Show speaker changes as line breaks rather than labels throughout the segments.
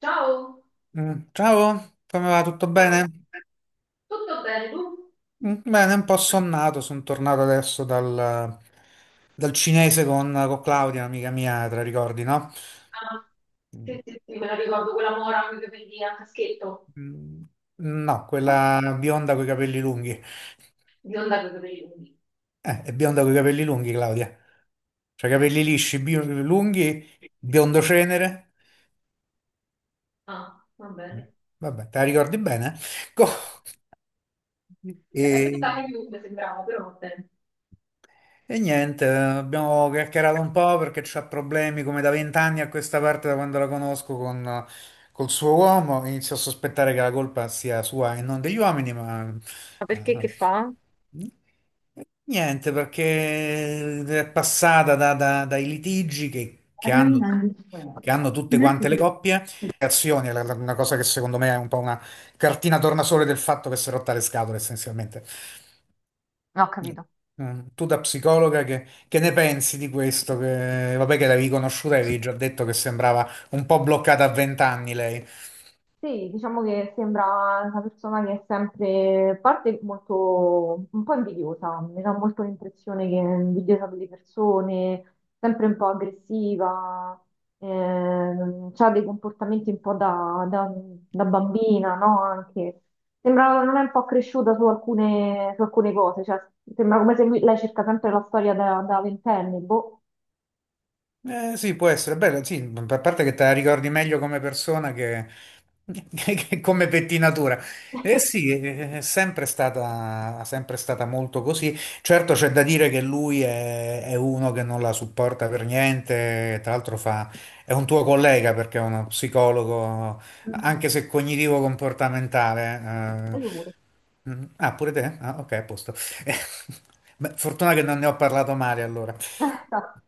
Ciao,
Mm, ciao, come va? Tutto
dai,
bene?
tutto bene tu?
Mm, bene, un po' sonnato, sono tornato adesso dal cinese con Claudia, amica mia, te la ricordi, no?
Ah, sì,
Mm,
sì, sì, me la ricordo quella mora con i capelli a caschetto,
mm, no, quella bionda coi capelli lunghi.
bionda con i capelli lunghi.
È bionda coi capelli lunghi, Claudia. Cioè, capelli lisci, lunghi, biondo cenere.
Ah, va
Mm,
bene.
vabbè, te la ricordi bene? Co-
La bionda
e-
anche più mi sembrava, però va bene.
E niente, abbiamo chiacchierato un po' perché c'ha problemi come da 20 anni a questa parte, da quando la conosco col suo uomo. Inizio a sospettare che la colpa sia sua e non degli uomini, ma
Ma perché che
eh,
fa?
niente, perché è passata dai litigi che, che
Allora
hanno,
rimane.
che hanno tutte
Non
quante le coppie, azioni, è una cosa che secondo me è un po' una cartina tornasole del fatto che si è rotta le scatole essenzialmente.
ho
Eh,
capito.
Tu da psicologa che ne pensi di questo? Che, vabbè che l'avevi conosciuta e avevi già detto che sembrava un po' bloccata a 20 anni lei.
Sì, diciamo che sembra una persona che è sempre, a parte molto, un po' invidiosa, mi dà molto l'impressione che è invidiosa delle persone, sempre un po' aggressiva, ha dei comportamenti un po' da bambina, no? Anche, sembra non è un po' cresciuta su alcune cose, cioè sembra come se lei cerca sempre la storia da ventenne, boh.
Sì, può essere bello, sì, a parte che te la ricordi meglio come persona che, che come pettinatura. Eh sì, è sempre stata molto così. Certo c'è da dire che lui è uno che non la supporta per niente, tra l'altro è un tuo collega perché è uno psicologo,
Mm.
anche se cognitivo-comportamentale.
E io pure.
Mm, ah, pure te? Ah, ok, a posto. Beh, fortuna che non ne ho parlato male allora.
Esatto.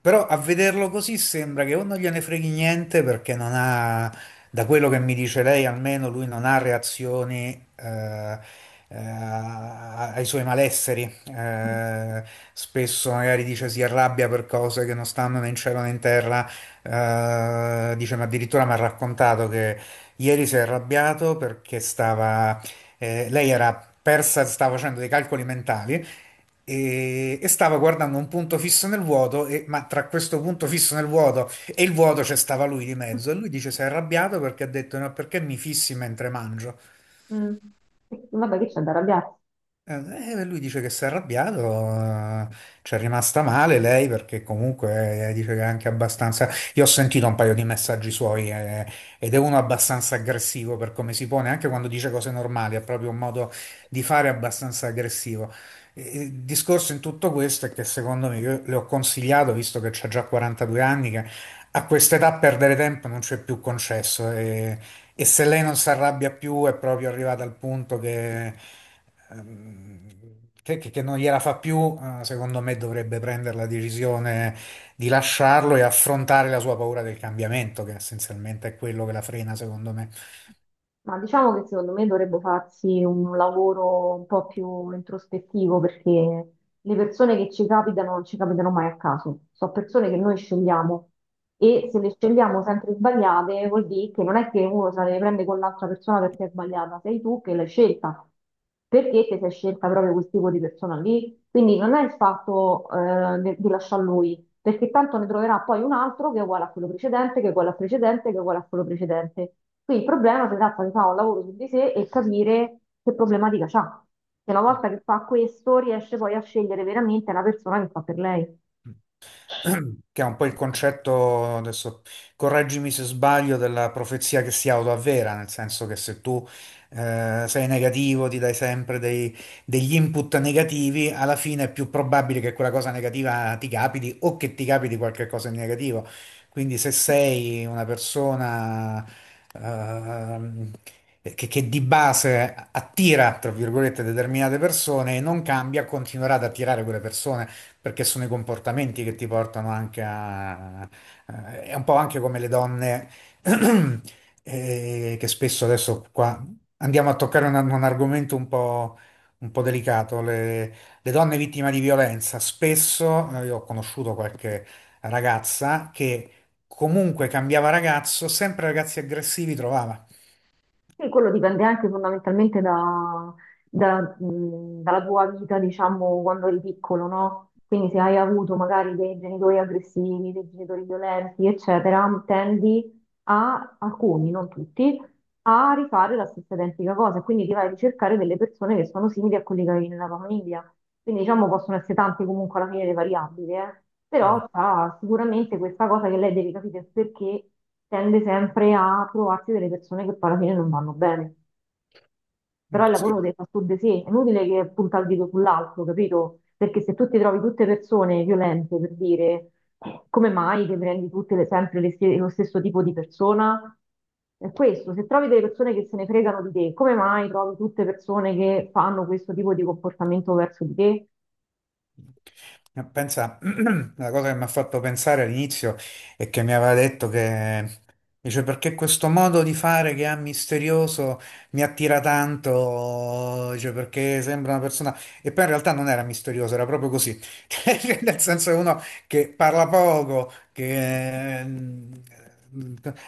Però a vederlo così sembra che o non gliene freghi niente perché non ha, da quello che mi dice lei, almeno lui non ha reazioni ai suoi malesseri. Spesso magari dice si arrabbia per cose che non stanno né in cielo né in terra. Dice, ma addirittura mi ha raccontato che ieri si è arrabbiato perché stava lei era persa, stava facendo dei calcoli mentali e stava guardando un punto fisso nel vuoto, ma tra questo punto fisso nel vuoto e il vuoto c'è stava lui di mezzo e lui dice si è arrabbiato perché ha detto no, perché mi fissi mentre mangio?
Mm. Vabbè, che c'è da arrabbiarsi?
Lui dice che si è arrabbiato, eh, ci è rimasta male lei perché comunque dice che è anche abbastanza... Io ho sentito un paio di messaggi suoi ed è uno abbastanza aggressivo per come si pone, anche quando dice cose normali, ha proprio un modo di fare abbastanza aggressivo. Il discorso in tutto questo è che secondo me, io le ho consigliato, visto che c'ha già 42 anni, che a quest'età perdere tempo non c'è più concesso. E se lei non si arrabbia più è proprio arrivata al punto che, ehm, che non gliela fa più, secondo me dovrebbe prendere la decisione di lasciarlo e affrontare la sua paura del cambiamento, che essenzialmente è quello che la frena, secondo me.
Ma diciamo che secondo me dovrebbe farsi un lavoro un po' più introspettivo, perché le persone che ci capitano non ci capitano mai a caso, sono persone che noi scegliamo, e se le scegliamo sempre sbagliate vuol dire che non è che uno se le prende con l'altra persona perché è sbagliata, sei tu che l'hai scelta perché ti sei scelta proprio quel tipo di persona lì. Quindi non è il fatto di lasciar lui, perché tanto ne troverà poi un altro che è uguale a quello precedente, che è uguale al precedente, che è uguale a quello precedente. Qui il problema si tratta di fare un lavoro su di sé e capire che problematica c'ha. Che una volta che fa questo riesce poi a scegliere veramente la persona che fa per lei.
Che è un po' il concetto, adesso correggimi se sbaglio, della profezia che si autoavvera, nel senso che se tu sei negativo, ti dai sempre degli input negativi, alla fine è più probabile che quella cosa negativa ti capiti o che ti capiti qualche cosa di negativo. Quindi se sei una persona ehm, che di base attira, tra virgolette, determinate persone e non cambia, continuerà ad attirare quelle persone perché sono i comportamenti che ti portano anche a... È un po' anche come le donne che spesso adesso qua andiamo a toccare un argomento un po' delicato, le donne vittime di violenza. Spesso io ho conosciuto qualche ragazza che comunque cambiava ragazzo, sempre ragazzi aggressivi trovava.
Sì, quello dipende anche fondamentalmente dalla tua vita, diciamo, quando eri piccolo, no? Quindi se hai avuto magari dei genitori aggressivi, dei genitori violenti, eccetera, tendi a, alcuni, non tutti, a rifare la stessa identica cosa, quindi ti vai a ricercare delle persone che sono simili a quelli che avevi nella tua famiglia. Quindi diciamo possono essere tante comunque alla fine le variabili, eh.
Mm,
Però c'ha sicuramente questa cosa che lei deve capire il perché tende sempre a trovarsi delle persone che poi alla fine non vanno bene. Però
mm,
il lavoro lo
sì.
deve fare su di sé, è inutile che punta il dito sull'altro, capito? Perché se tu ti trovi tutte persone violente, per dire, come mai che prendi tutte sempre lo stesso tipo di persona? È questo, se trovi delle persone che se ne fregano di te, come mai trovi tutte persone che fanno questo tipo di comportamento verso di te?
Pensa, la cosa che mi ha fatto pensare all'inizio è che mi aveva detto che dice perché questo modo di fare che ha misterioso mi attira tanto, dice perché sembra una persona e poi in realtà non era misterioso, era proprio così. Cioè, nel senso è uno che parla poco, che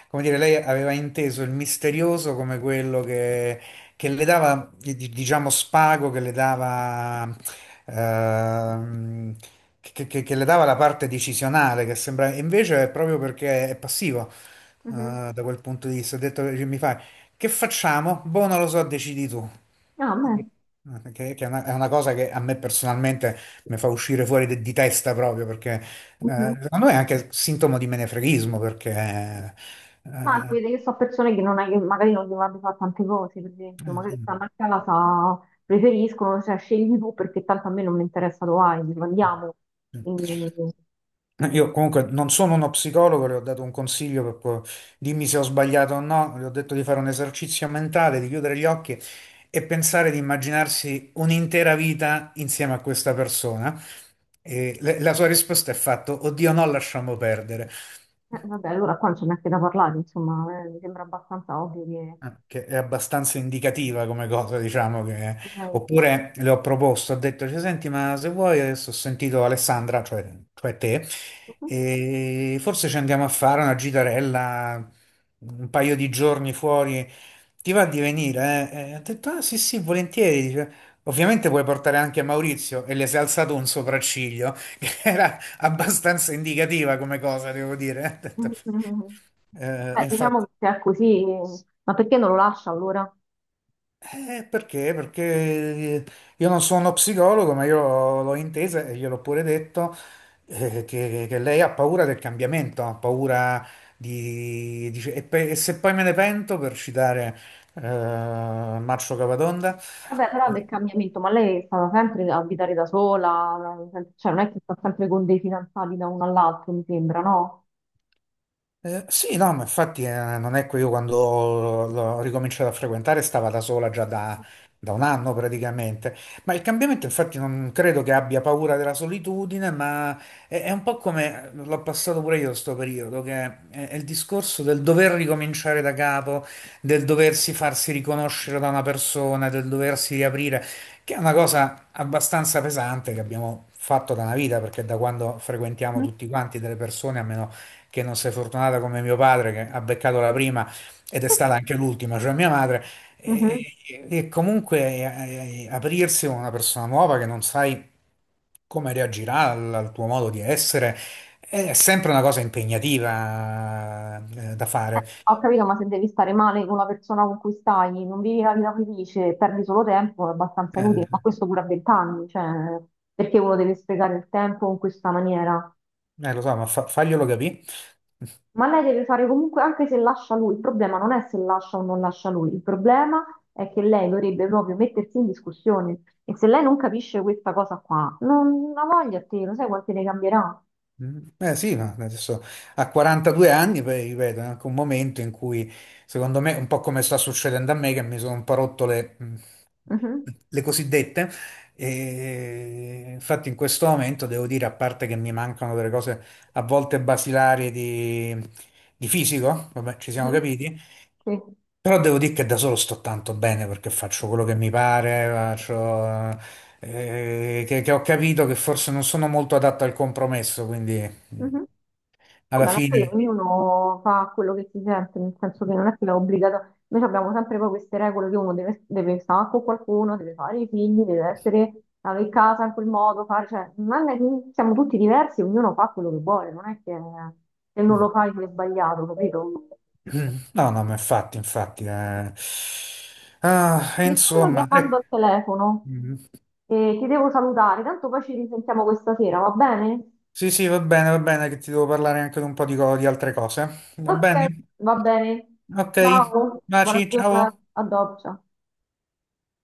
come dire, lei aveva inteso il misterioso come quello che le dava, diciamo, spago, che le dava, ehm, che le dava la parte decisionale, che sembra, e invece è proprio perché è passivo,
Mhm.
da quel punto di vista. Ho detto, che mi fai, che facciamo? Boh, non lo so, decidi tu.
Ah, beh.
Che è una cosa che a me personalmente mi fa uscire fuori di testa proprio perché
Mhm.
secondo me è anche sintomo di menefreghismo perché
Ma si
eh,
vede che sono persone che, non hai- che magari non devono fare tante cose, per esempio, magari stanno a casa, preferiscono, cioè scegli tu perché tanto a me non mi interessa Hawaii, andiamo.
eh,
Quindi,
io comunque non sono uno psicologo, le ho dato un consiglio per dimmi se ho sbagliato o no, le ho detto di fare un esercizio mentale, di chiudere gli occhi e pensare di immaginarsi un'intera vita insieme a questa persona. E la sua risposta è fatto, oddio no, lasciamo perdere.
vabbè, allora qua non c'è neanche da parlare, insomma, mi sembra abbastanza ovvio che...
Ah, che è abbastanza indicativa come cosa, diciamo che...
direi.
Oppure le ho proposto, ho detto, cioè, senti, ma se vuoi, adesso ho sentito Alessandra, cioè te, e forse ci andiamo a fare una gitarella, un paio di giorni fuori, ti va di venire? Eh?" E ho detto, ah sì sì, volentieri, dice. Ovviamente puoi portare anche Maurizio e le si è alzato un sopracciglio, che era abbastanza indicativa come cosa, devo dire. Ho detto,
Mhm.
e
Beh, diciamo
infatti.
che se è così, ma perché non lo lascia allora?
Perché? Perché io non sono psicologo, ma io l'ho intesa e gliel'ho pure detto che lei ha paura del cambiamento, ha paura di... dice, e, e se poi me ne pento, per citare eh, Marcio Capatonda.
Vabbè, però del cambiamento, ma lei è stata sempre a abitare da sola, cioè non è che sta sempre con dei fidanzati da uno all'altro, mi sembra, no?
Sì, no, ma infatti non è che io quando l'ho ricominciato a frequentare stava da sola già da un anno praticamente, ma il cambiamento infatti non credo che abbia paura della solitudine, ma è un po' come l'ho passato pure io sto periodo, che è il discorso del dover ricominciare da capo, del doversi farsi riconoscere da una persona, del doversi riaprire, che è una cosa abbastanza pesante che abbiamo fatto da una vita, perché da quando frequentiamo
Mm.
tutti quanti delle persone, a meno che non sei fortunata come mio padre che ha beccato la prima ed è stata anche l'ultima, cioè mia madre, e,
Mhm.
e- e comunque aprirsi con una persona nuova che non sai come reagirà al tuo modo di essere è sempre una cosa impegnativa da fare.
Ho capito, ma se devi stare male con la persona con cui stai, non vivi la vita felice, perdi solo tempo, è abbastanza inutile, ma
Eh,
questo pure a 20 anni, cioè perché uno deve sprecare il tempo in questa maniera?
Lo so, ma faglielo capire.
Ma lei deve fare comunque, anche se lascia lui, il problema non è se lascia o non lascia lui, il problema è che lei dovrebbe proprio mettersi in discussione, e se lei non capisce questa cosa qua, non ha voglia a te, lo sai quanti ne cambierà?
Mm, eh sì, ma adesso a 42 anni, poi ripeto, è anche un momento in cui, secondo me, un po' come sta succedendo a me, che mi sono un po' rotto le,
Mhm,
le cosiddette. E infatti in questo momento devo dire, a parte che mi mancano delle cose a volte basilari di fisico, vabbè, ci siamo
mhm,
capiti,
sì.
però devo dire che da solo sto tanto bene perché faccio quello che mi pare, faccio, che ho capito che forse non sono molto adatto al compromesso, quindi mm,
Mhm.
alla
Vabbè, ma poi
fine...
ognuno fa quello che si sente, nel senso che non è che è obbligato. Noi abbiamo sempre poi queste regole che uno deve, deve stare con qualcuno, deve fare i figli, deve essere avere casa in quel modo, fare, cioè, non è che siamo tutti diversi, ognuno fa quello che vuole, non è che se non lo fai sei sbagliato, capito?
No, no, ma infatti, infatti... Ah, e
Mi stanno
insomma...
chiamando al telefono
eh,
e ti devo salutare, tanto poi ci risentiamo questa sera, va bene?
sì, sì, va bene, che ti devo parlare anche di un po' di altre cose. Va
Ok,
bene?
va bene.
Ok,
Ciao, buona
baci,
giornata,
ciao.
a dopo. Ciao.